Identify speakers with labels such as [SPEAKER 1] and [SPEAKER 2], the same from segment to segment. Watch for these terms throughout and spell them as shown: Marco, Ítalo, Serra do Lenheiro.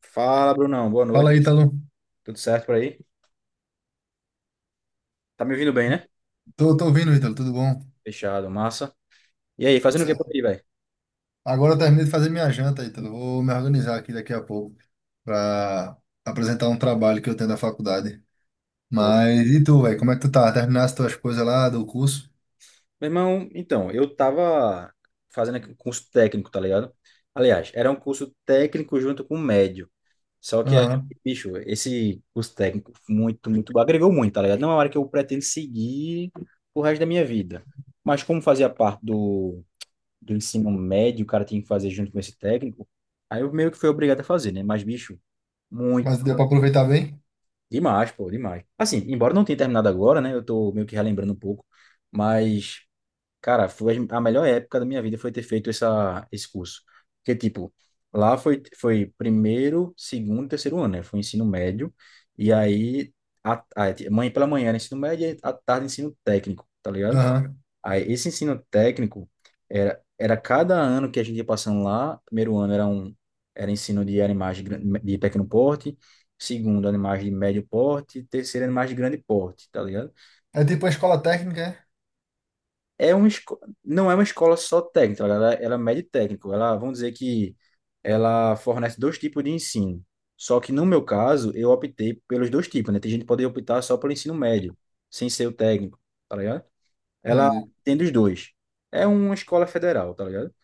[SPEAKER 1] Fala, Brunão. Boa
[SPEAKER 2] Fala,
[SPEAKER 1] noite.
[SPEAKER 2] aí, Ítalo.
[SPEAKER 1] Tudo certo por aí? Tá me ouvindo bem, né?
[SPEAKER 2] Tô ouvindo, Ítalo, tudo bom?
[SPEAKER 1] Fechado, massa. E aí,
[SPEAKER 2] Tudo
[SPEAKER 1] fazendo o que por
[SPEAKER 2] certo.
[SPEAKER 1] aí, velho?
[SPEAKER 2] Agora eu terminei de fazer minha janta, Ítalo. Vou me organizar aqui daqui a pouco para apresentar um trabalho que eu tenho da faculdade.
[SPEAKER 1] Ô,
[SPEAKER 2] Mas e tu, velho? Como é que tu tá? Terminaste tuas coisas lá do curso?
[SPEAKER 1] meu irmão, então, eu tava fazendo aqui um curso técnico, tá ligado? Aliás, era um curso técnico junto com médio. Só que aí,
[SPEAKER 2] Aham.
[SPEAKER 1] bicho, esse curso técnico muito, muito, agregou muito, tá ligado? Não é uma área que eu pretendo seguir o resto da minha vida. Mas como fazia parte do, ensino médio, o cara tinha que fazer junto com esse técnico, aí eu meio que fui obrigado a fazer, né? Mas, bicho,
[SPEAKER 2] Mas
[SPEAKER 1] muito
[SPEAKER 2] deu pra aproveitar bem?
[SPEAKER 1] demais, pô, demais. Assim, embora não tenha terminado agora, né? Eu tô meio que relembrando um pouco, mas, cara, foi a melhor época da minha vida foi ter feito esse curso. Porque, tipo, lá foi primeiro, segundo, terceiro ano, né? Foi ensino médio, e aí, a mãe pela manhã era ensino médio, e à tarde ensino técnico, tá ligado?
[SPEAKER 2] Aham.
[SPEAKER 1] Aí, esse ensino técnico era cada ano que a gente ia passando lá. Primeiro ano era ensino de animais de pequeno porte, segundo animais de médio porte, terceiro animais de grande porte, tá ligado?
[SPEAKER 2] É tipo a escola técnica, é?
[SPEAKER 1] Não é uma escola só técnica, tá ligado? Ela é médio técnico. Ela, vamos dizer que ela fornece dois tipos de ensino. Só que no meu caso, eu optei pelos dois tipos, né? Tem gente que pode optar só pelo ensino médio, sem ser o técnico, tá ligado? Ela
[SPEAKER 2] Entendi.
[SPEAKER 1] tem dos dois. É uma escola federal, tá ligado?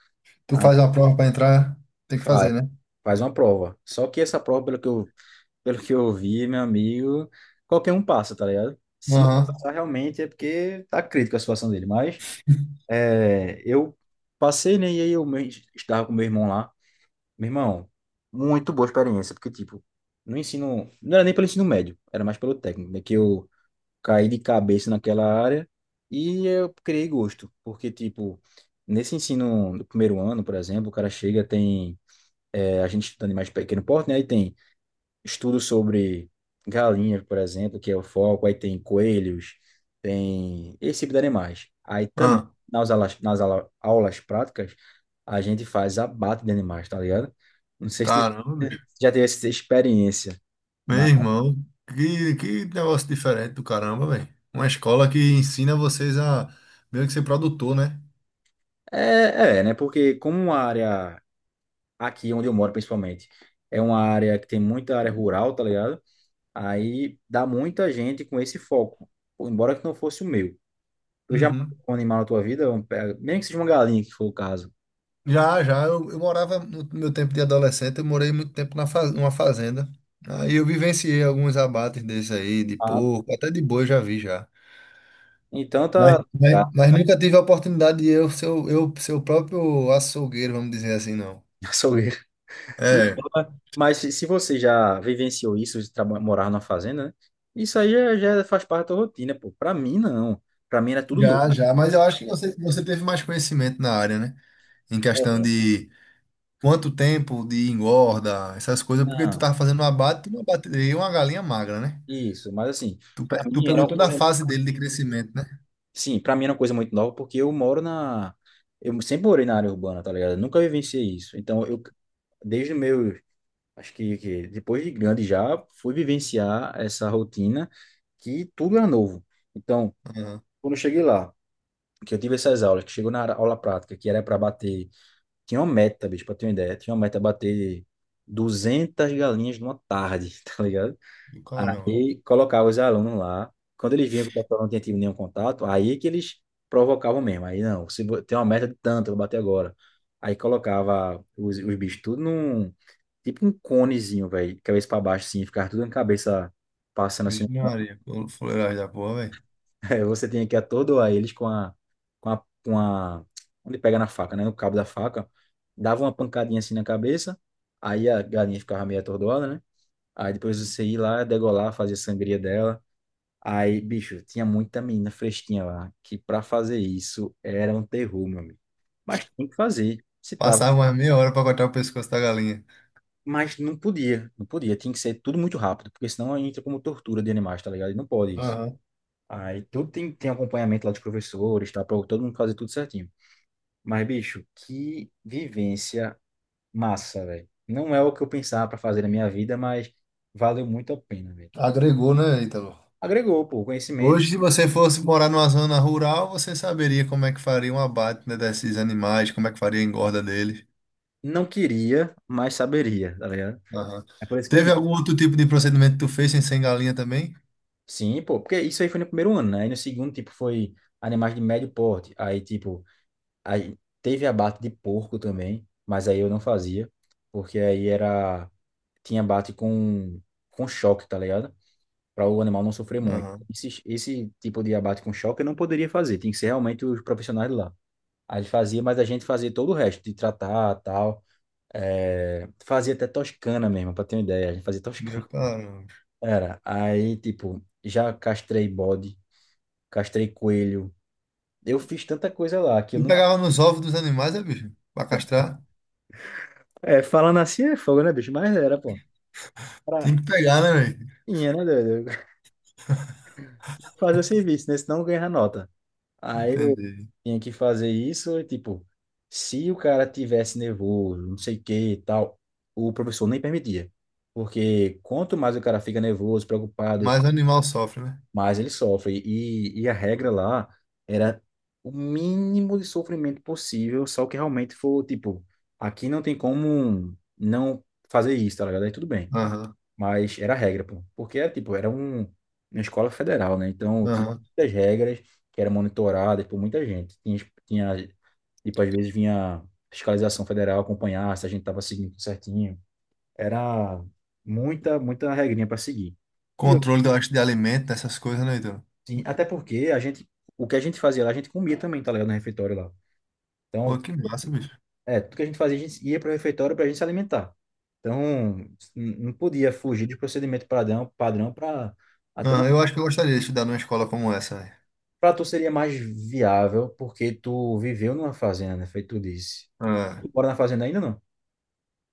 [SPEAKER 2] Tu
[SPEAKER 1] Ah,
[SPEAKER 2] faz uma prova pra entrar, tem que
[SPEAKER 1] faz,
[SPEAKER 2] fazer, né?
[SPEAKER 1] faz uma prova. Só que essa prova, pelo que eu vi, meu amigo, qualquer um passa, tá ligado? Se não
[SPEAKER 2] Aham.
[SPEAKER 1] passar realmente é porque tá crítica a situação dele. Mas eu passei, né? E aí estava com meu irmão lá. Meu irmão, muito boa experiência, porque, tipo, no ensino. Não era nem pelo ensino médio, era mais pelo técnico, né? Que eu caí de cabeça naquela área e eu criei gosto. Porque, tipo, nesse ensino do primeiro ano, por exemplo, o cara chega, tem. É, a gente estuda animais de pequeno porte, né? Aí tem estudos sobre galinhas, por exemplo, que é o foco, aí tem coelhos, tem esse tipo de animais. Aí também,
[SPEAKER 2] Ah,
[SPEAKER 1] nas aulas, nas aula- aulas práticas, a gente faz abate de animais, tá ligado? Não sei se tu
[SPEAKER 2] caramba.
[SPEAKER 1] já teve essa experiência,
[SPEAKER 2] Meu
[SPEAKER 1] mas
[SPEAKER 2] irmão, que negócio diferente do caramba, velho. Uma escola que ensina vocês a meio que ser produtor, né?
[SPEAKER 1] é, né? Porque como uma área, aqui onde eu moro principalmente, é uma área que tem muita área rural, tá ligado? Aí dá muita gente com esse foco, embora que não fosse o meu. Tu já matou
[SPEAKER 2] Uhum.
[SPEAKER 1] um animal na tua vida? Mesmo que seja uma galinha, que for o caso.
[SPEAKER 2] Já, já, eu morava no meu tempo de adolescente, eu morei muito tempo na numa fazenda. Aí eu vivenciei alguns abates desses aí, de
[SPEAKER 1] Ah,
[SPEAKER 2] porco, até de boi eu já vi já.
[SPEAKER 1] então
[SPEAKER 2] Mas,
[SPEAKER 1] tá. Tá.
[SPEAKER 2] mas, mas nunca tive a oportunidade de eu ser, eu ser o próprio açougueiro, vamos dizer assim, não.
[SPEAKER 1] Açougueiro.
[SPEAKER 2] É,
[SPEAKER 1] Mas se você já vivenciou isso, de morar numa fazenda, né? Isso aí já faz parte da tua rotina, pô. Pra mim, não. Pra mim era tudo novo.
[SPEAKER 2] já, já, mas eu acho que você teve mais conhecimento na área, né? Em questão
[SPEAKER 1] É.
[SPEAKER 2] de quanto tempo de engorda, essas coisas, porque tu
[SPEAKER 1] Não,
[SPEAKER 2] tava fazendo um abate, tu abateria uma galinha magra, né?
[SPEAKER 1] isso. Mas assim,
[SPEAKER 2] Tu,
[SPEAKER 1] pra
[SPEAKER 2] tu
[SPEAKER 1] mim era
[SPEAKER 2] pegou
[SPEAKER 1] uma
[SPEAKER 2] toda a
[SPEAKER 1] coisa.
[SPEAKER 2] fase dele de crescimento, né?
[SPEAKER 1] Sim, pra mim era uma coisa muito nova, porque eu moro na. Eu sempre morei na área urbana, tá ligado? Eu nunca vivenciei isso. Então, eu, desde o meu. Acho que, depois de grande já fui vivenciar essa rotina que tudo era novo. Então,
[SPEAKER 2] Aham.
[SPEAKER 1] quando eu cheguei lá, que eu tive essas aulas, que chegou na aula prática, que era para bater, tinha uma meta, bicho, para ter uma ideia, tinha uma meta bater 200 galinhas numa tarde, tá ligado?
[SPEAKER 2] E caramba.
[SPEAKER 1] Aí colocava os alunos lá, quando eles viam que o pessoal não tinha tido nenhum contato, aí que eles provocavam mesmo. Aí não, tem uma meta de tanto, eu vou bater agora. Aí colocava os bichos tudo num tipo um conezinho, velho, cabeça pra baixo, assim, ficar tudo na cabeça passando assim no
[SPEAKER 2] Vixe
[SPEAKER 1] cone.
[SPEAKER 2] Maria, como fuleiragem da porra, velho.
[SPEAKER 1] Aí você tem que atordoar eles com a, onde pega na faca, né? No cabo da faca. Dava uma pancadinha assim na cabeça, aí a galinha ficava meio atordoada, né? Aí depois você ia lá, degolar, fazer sangria dela. Aí, bicho, tinha muita menina fresquinha lá, que pra fazer isso era um terror, meu amigo. Mas tem que fazer. Se tá.
[SPEAKER 2] Passava umas meia hora pra cortar o pescoço da galinha.
[SPEAKER 1] Mas não podia, não podia. Tinha que ser tudo muito rápido, porque senão entra como tortura de animais, tá ligado? E não pode isso.
[SPEAKER 2] Aham.
[SPEAKER 1] Aí tudo tem acompanhamento lá dos professores, tá? Pra todo mundo fazer tudo certinho. Mas, bicho, que vivência massa, velho. Não é o que eu pensava pra fazer na minha vida, mas valeu muito a pena, velho.
[SPEAKER 2] Agregou, né, Ítalo?
[SPEAKER 1] Agregou, pô, conhecimento.
[SPEAKER 2] Hoje, se você fosse morar numa zona rural, você saberia como é que faria um abate, né, desses animais, como é que faria a engorda deles.
[SPEAKER 1] Não queria, mas saberia, tá ligado?
[SPEAKER 2] Aham.
[SPEAKER 1] É por isso que eu
[SPEAKER 2] Teve
[SPEAKER 1] digo.
[SPEAKER 2] algum outro tipo de procedimento que tu fez sem ser galinha também?
[SPEAKER 1] Sim, pô, porque isso aí foi no primeiro ano, né? Aí no segundo, tipo, foi animais de médio porte. Aí, tipo. Aí, teve abate de porco também, mas aí eu não fazia, porque aí era tinha abate com choque, tá ligado? Para o animal não sofrer muito.
[SPEAKER 2] Aham.
[SPEAKER 1] Esse tipo de abate com choque eu não poderia fazer, tem que ser realmente os profissionais lá. Aí ele fazia, mas a gente fazia todo o resto, de tratar, tal. É, fazia até toscana mesmo, para ter uma ideia, a gente fazia toscana.
[SPEAKER 2] Meu cara.
[SPEAKER 1] Era, aí, tipo, já castrei bode, castrei coelho. Eu fiz tanta coisa lá que eu
[SPEAKER 2] Tu
[SPEAKER 1] não.
[SPEAKER 2] pegava nos ovos dos animais, é, bicho? Pra castrar?
[SPEAKER 1] É, falando assim é fogo, né, bicho? Mas era, pô. Prainha,
[SPEAKER 2] Tem que pegar, né, velho?
[SPEAKER 1] né, doido? Fazer o serviço, né? Senão ganha nota. Aí eu
[SPEAKER 2] Entendi.
[SPEAKER 1] tinha que fazer isso, e, tipo, se o cara tivesse nervoso, não sei o que e tal, o professor nem permitia. Porque quanto mais o cara fica nervoso, preocupado,
[SPEAKER 2] Mas o animal sofre, né?
[SPEAKER 1] mais ele sofre. E a regra lá era o mínimo de sofrimento possível, só que realmente for, tipo, aqui não tem como não fazer isso, tá ligado? Aí tudo bem.
[SPEAKER 2] Aham,
[SPEAKER 1] Mas era regra, pô. Porque era, tipo, uma escola federal, né? Então tinha
[SPEAKER 2] aham.
[SPEAKER 1] muitas regras que eram monitoradas por muita gente. Tinha, tipo, às vezes vinha fiscalização federal acompanhar se a gente tava seguindo tudo certinho. Era muita, muita regrinha para seguir. E eu,
[SPEAKER 2] Controle, eu acho, de alimento, essas coisas, né, então?
[SPEAKER 1] assim, até porque a gente, o que a gente fazia lá, a gente comia também, tá ligado? No refeitório lá.
[SPEAKER 2] Pô,
[SPEAKER 1] Então,
[SPEAKER 2] que massa, bicho.
[SPEAKER 1] tudo que a gente fazia, a gente ia para o refeitório para a gente se alimentar. Então, não podia fugir de procedimento padrão para até não.
[SPEAKER 2] Aham, eu acho que eu gostaria de estudar numa escola como essa, velho.
[SPEAKER 1] Para tu seria mais viável, porque tu viveu numa fazenda, né? Feito tu disse.
[SPEAKER 2] Ah.
[SPEAKER 1] Tu mora na fazenda ainda, não?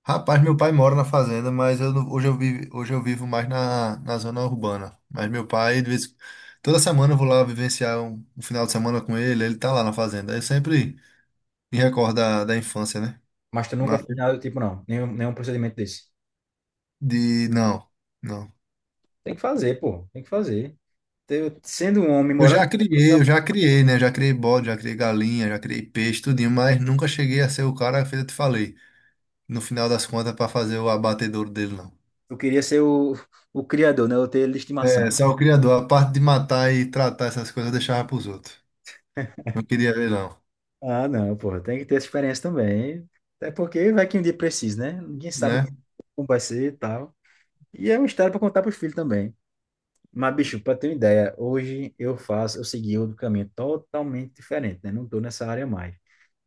[SPEAKER 2] Rapaz, meu pai mora na fazenda, mas eu hoje eu vivo mais na, na zona urbana. Mas meu pai, de vez, toda semana eu vou lá vivenciar um, um final de semana com ele, ele tá lá na fazenda. Eu sempre me recordo da, da infância, né?
[SPEAKER 1] Mas tu nunca
[SPEAKER 2] Mas
[SPEAKER 1] fez nada do tipo, não. Nenhum procedimento desse.
[SPEAKER 2] de, não. Não.
[SPEAKER 1] Tem que fazer, pô. Tem que fazer. Eu, sendo um homem
[SPEAKER 2] Eu
[SPEAKER 1] morando,
[SPEAKER 2] já criei, eu já criei, né? Já criei bode, já criei galinha, já criei peixe, tudinho, mas nunca cheguei a ser o cara que eu te falei, no final das contas, para fazer o abatedouro dele, não.
[SPEAKER 1] eu queria ser o criador, né? Eu ter ele de estimação,
[SPEAKER 2] É,
[SPEAKER 1] né?
[SPEAKER 2] só o criador, a parte de matar e tratar essas coisas eu deixava pros outros. Não queria ver, não,
[SPEAKER 1] Ah, não, pô. Tem que ter essa experiência também. Até porque vai que um dia precisa, né? Ninguém sabe
[SPEAKER 2] né?
[SPEAKER 1] como vai ser e tal. E é uma história para contar pros filhos também. Mas, bicho, para ter uma ideia, hoje eu faço, eu segui outro caminho totalmente diferente, né? Não tô nessa área mais.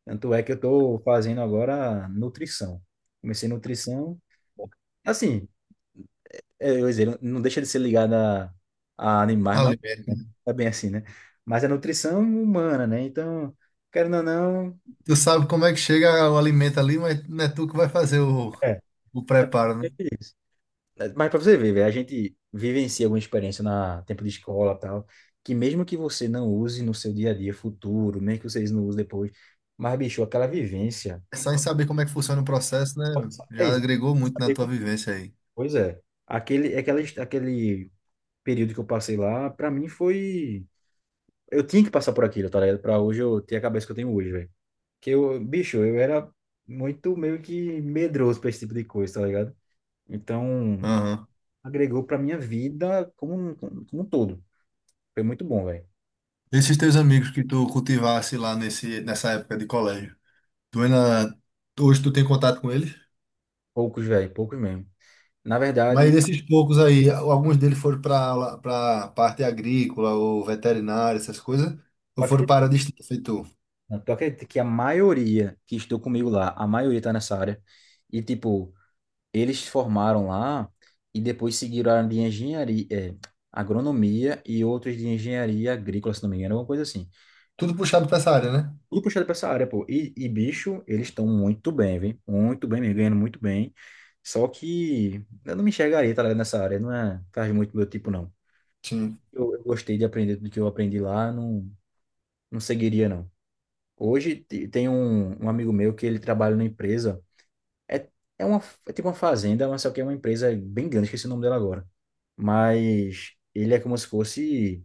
[SPEAKER 1] Tanto é que eu tô fazendo agora nutrição. Comecei nutrição, assim, é, eu ia dizer, não deixa de ser ligada a animais, mas
[SPEAKER 2] Alimento, né?
[SPEAKER 1] é bem assim, né? Mas é nutrição humana, né? Então, querendo ou não,
[SPEAKER 2] Tu sabe como é que chega o alimento ali, mas não é tu que vai fazer
[SPEAKER 1] é.
[SPEAKER 2] o preparo, né?
[SPEAKER 1] Mas pra você ver, velho, a gente vivencia alguma experiência na tempo de escola e tal, que mesmo que você não use no seu dia a dia futuro, mesmo que vocês não usem depois, mas, bicho, aquela vivência.
[SPEAKER 2] Só em saber como é que funciona o processo, né?
[SPEAKER 1] Pode saber, é
[SPEAKER 2] Já
[SPEAKER 1] isso,
[SPEAKER 2] agregou
[SPEAKER 1] pode
[SPEAKER 2] muito na
[SPEAKER 1] saber
[SPEAKER 2] tua
[SPEAKER 1] como-
[SPEAKER 2] vivência aí.
[SPEAKER 1] Pois é. Aquele período que eu passei lá, pra mim foi. Eu tinha que passar por aquilo, tá ligado? Pra hoje eu ter a cabeça que eu tenho hoje, velho. Que eu, bicho, eu era muito meio que medroso pra esse tipo de coisa, tá ligado? Então,
[SPEAKER 2] Aham.
[SPEAKER 1] agregou pra minha vida como, como um todo. Foi muito bom, velho.
[SPEAKER 2] Esses teus amigos que tu cultivasse lá nesse, nessa época de colégio. Tu ainda, hoje tu tem contato com eles?
[SPEAKER 1] Poucos, velho, poucos mesmo. Na verdade,
[SPEAKER 2] Mas desses poucos aí, alguns deles foram para parte agrícola ou veterinária, essas coisas, ou
[SPEAKER 1] tu
[SPEAKER 2] foram
[SPEAKER 1] acredita,
[SPEAKER 2] para a distância, feito tu?
[SPEAKER 1] tu acredita que a maioria que estou comigo lá, a maioria tá nessa área. E, tipo, eles se formaram lá e depois seguiram a área de engenharia, agronomia e outros de engenharia agrícola, se não me engano, alguma coisa assim.
[SPEAKER 2] Tudo puxado para essa área, né?
[SPEAKER 1] Tudo puxado pra essa área, pô. E bicho, eles estão muito bem, viu? Muito bem, mesmo, ganhando muito bem. Só que eu não me enxergaria, tá ligado, nessa área. Não é, faz muito meu tipo, não.
[SPEAKER 2] Sim.
[SPEAKER 1] Eu gostei de aprender tudo que eu aprendi lá, não. Não seguiria, não. Hoje tem um amigo meu que ele trabalha numa empresa. É, é tipo uma fazenda, mas só que é uma empresa bem grande, esqueci o nome dela agora. Mas ele é como se fosse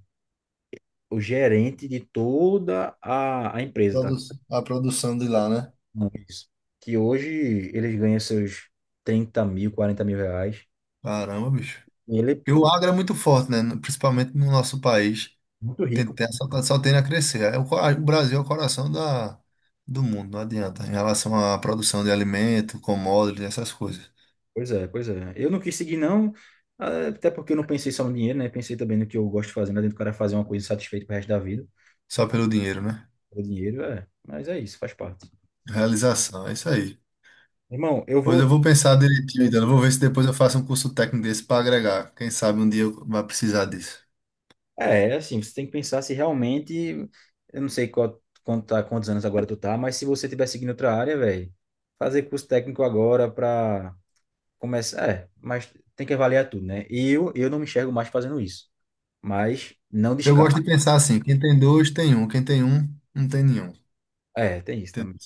[SPEAKER 1] o gerente de toda a empresa,
[SPEAKER 2] Produ-
[SPEAKER 1] tá?
[SPEAKER 2] A produção de lá, né?
[SPEAKER 1] Não, isso. Que hoje eles ganham seus 30 mil, 40 mil reais.
[SPEAKER 2] Caramba, bicho.
[SPEAKER 1] E ele
[SPEAKER 2] Porque
[SPEAKER 1] é
[SPEAKER 2] o agro é muito forte, né? Principalmente no nosso país.
[SPEAKER 1] muito rico.
[SPEAKER 2] Só tende a crescer. É o Brasil é o coração da, do mundo, não adianta. Em relação à produção de alimento, commodities, essas coisas.
[SPEAKER 1] Pois é, pois é. Eu não quis seguir, não. Até porque eu não pensei só no dinheiro, né? Pensei também no que eu gosto de fazer, né? Dentro do cara fazer uma coisa satisfeita pro resto da vida.
[SPEAKER 2] Só pelo dinheiro, né?
[SPEAKER 1] O dinheiro é, mas é isso, faz parte.
[SPEAKER 2] Realização, é isso aí.
[SPEAKER 1] Irmão, eu
[SPEAKER 2] Pois eu
[SPEAKER 1] vou.
[SPEAKER 2] vou pensar direitinho, então. Eu vou ver se depois eu faço um curso técnico desse para agregar. Quem sabe um dia eu vá precisar disso.
[SPEAKER 1] É assim, você tem que pensar se realmente. Eu não sei qual, quanto tá, quantos anos agora tu tá, mas se você tiver seguindo outra área, velho, fazer curso técnico agora pra começar. É, mas tem que avaliar tudo, né? E eu não me enxergo mais fazendo isso. Mas não
[SPEAKER 2] Eu
[SPEAKER 1] descarto.
[SPEAKER 2] gosto de pensar assim: quem tem dois, tem um. Quem tem um, não tem nenhum.
[SPEAKER 1] É, tem isso
[SPEAKER 2] Tem-
[SPEAKER 1] também.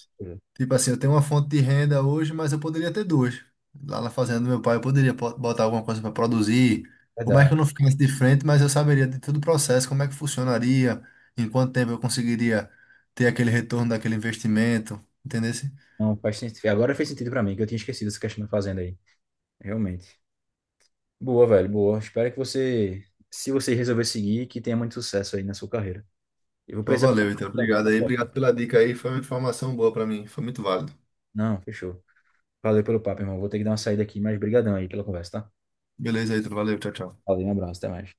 [SPEAKER 2] Tipo assim, eu tenho uma fonte de renda hoje, mas eu poderia ter duas. Lá na fazenda do meu pai, eu poderia botar alguma coisa para produzir. Por mais
[SPEAKER 1] Verdade.
[SPEAKER 2] que eu não ficasse de frente, mas eu saberia de todo o processo, como é que funcionaria, em quanto tempo eu conseguiria ter aquele retorno daquele investimento. Entendeu?
[SPEAKER 1] Não faz sentido. Agora fez sentido pra mim, que eu tinha esquecido essa questão da fazenda aí. Realmente. Boa, velho, boa. Espero que você, se você resolver seguir, que tenha muito sucesso aí na sua carreira. Eu vou precisar dar
[SPEAKER 2] Valeu, então.
[SPEAKER 1] uma volta
[SPEAKER 2] Obrigado aí.
[SPEAKER 1] agora.
[SPEAKER 2] Obrigado pela dica aí. Foi uma informação boa para mim. Foi muito válido.
[SPEAKER 1] Não, fechou. Valeu pelo papo, irmão. Vou ter que dar uma saída aqui, mas brigadão aí pela conversa, tá?
[SPEAKER 2] Beleza, Ítalo. Valeu. Tchau, tchau.
[SPEAKER 1] Valeu, um abraço, até mais.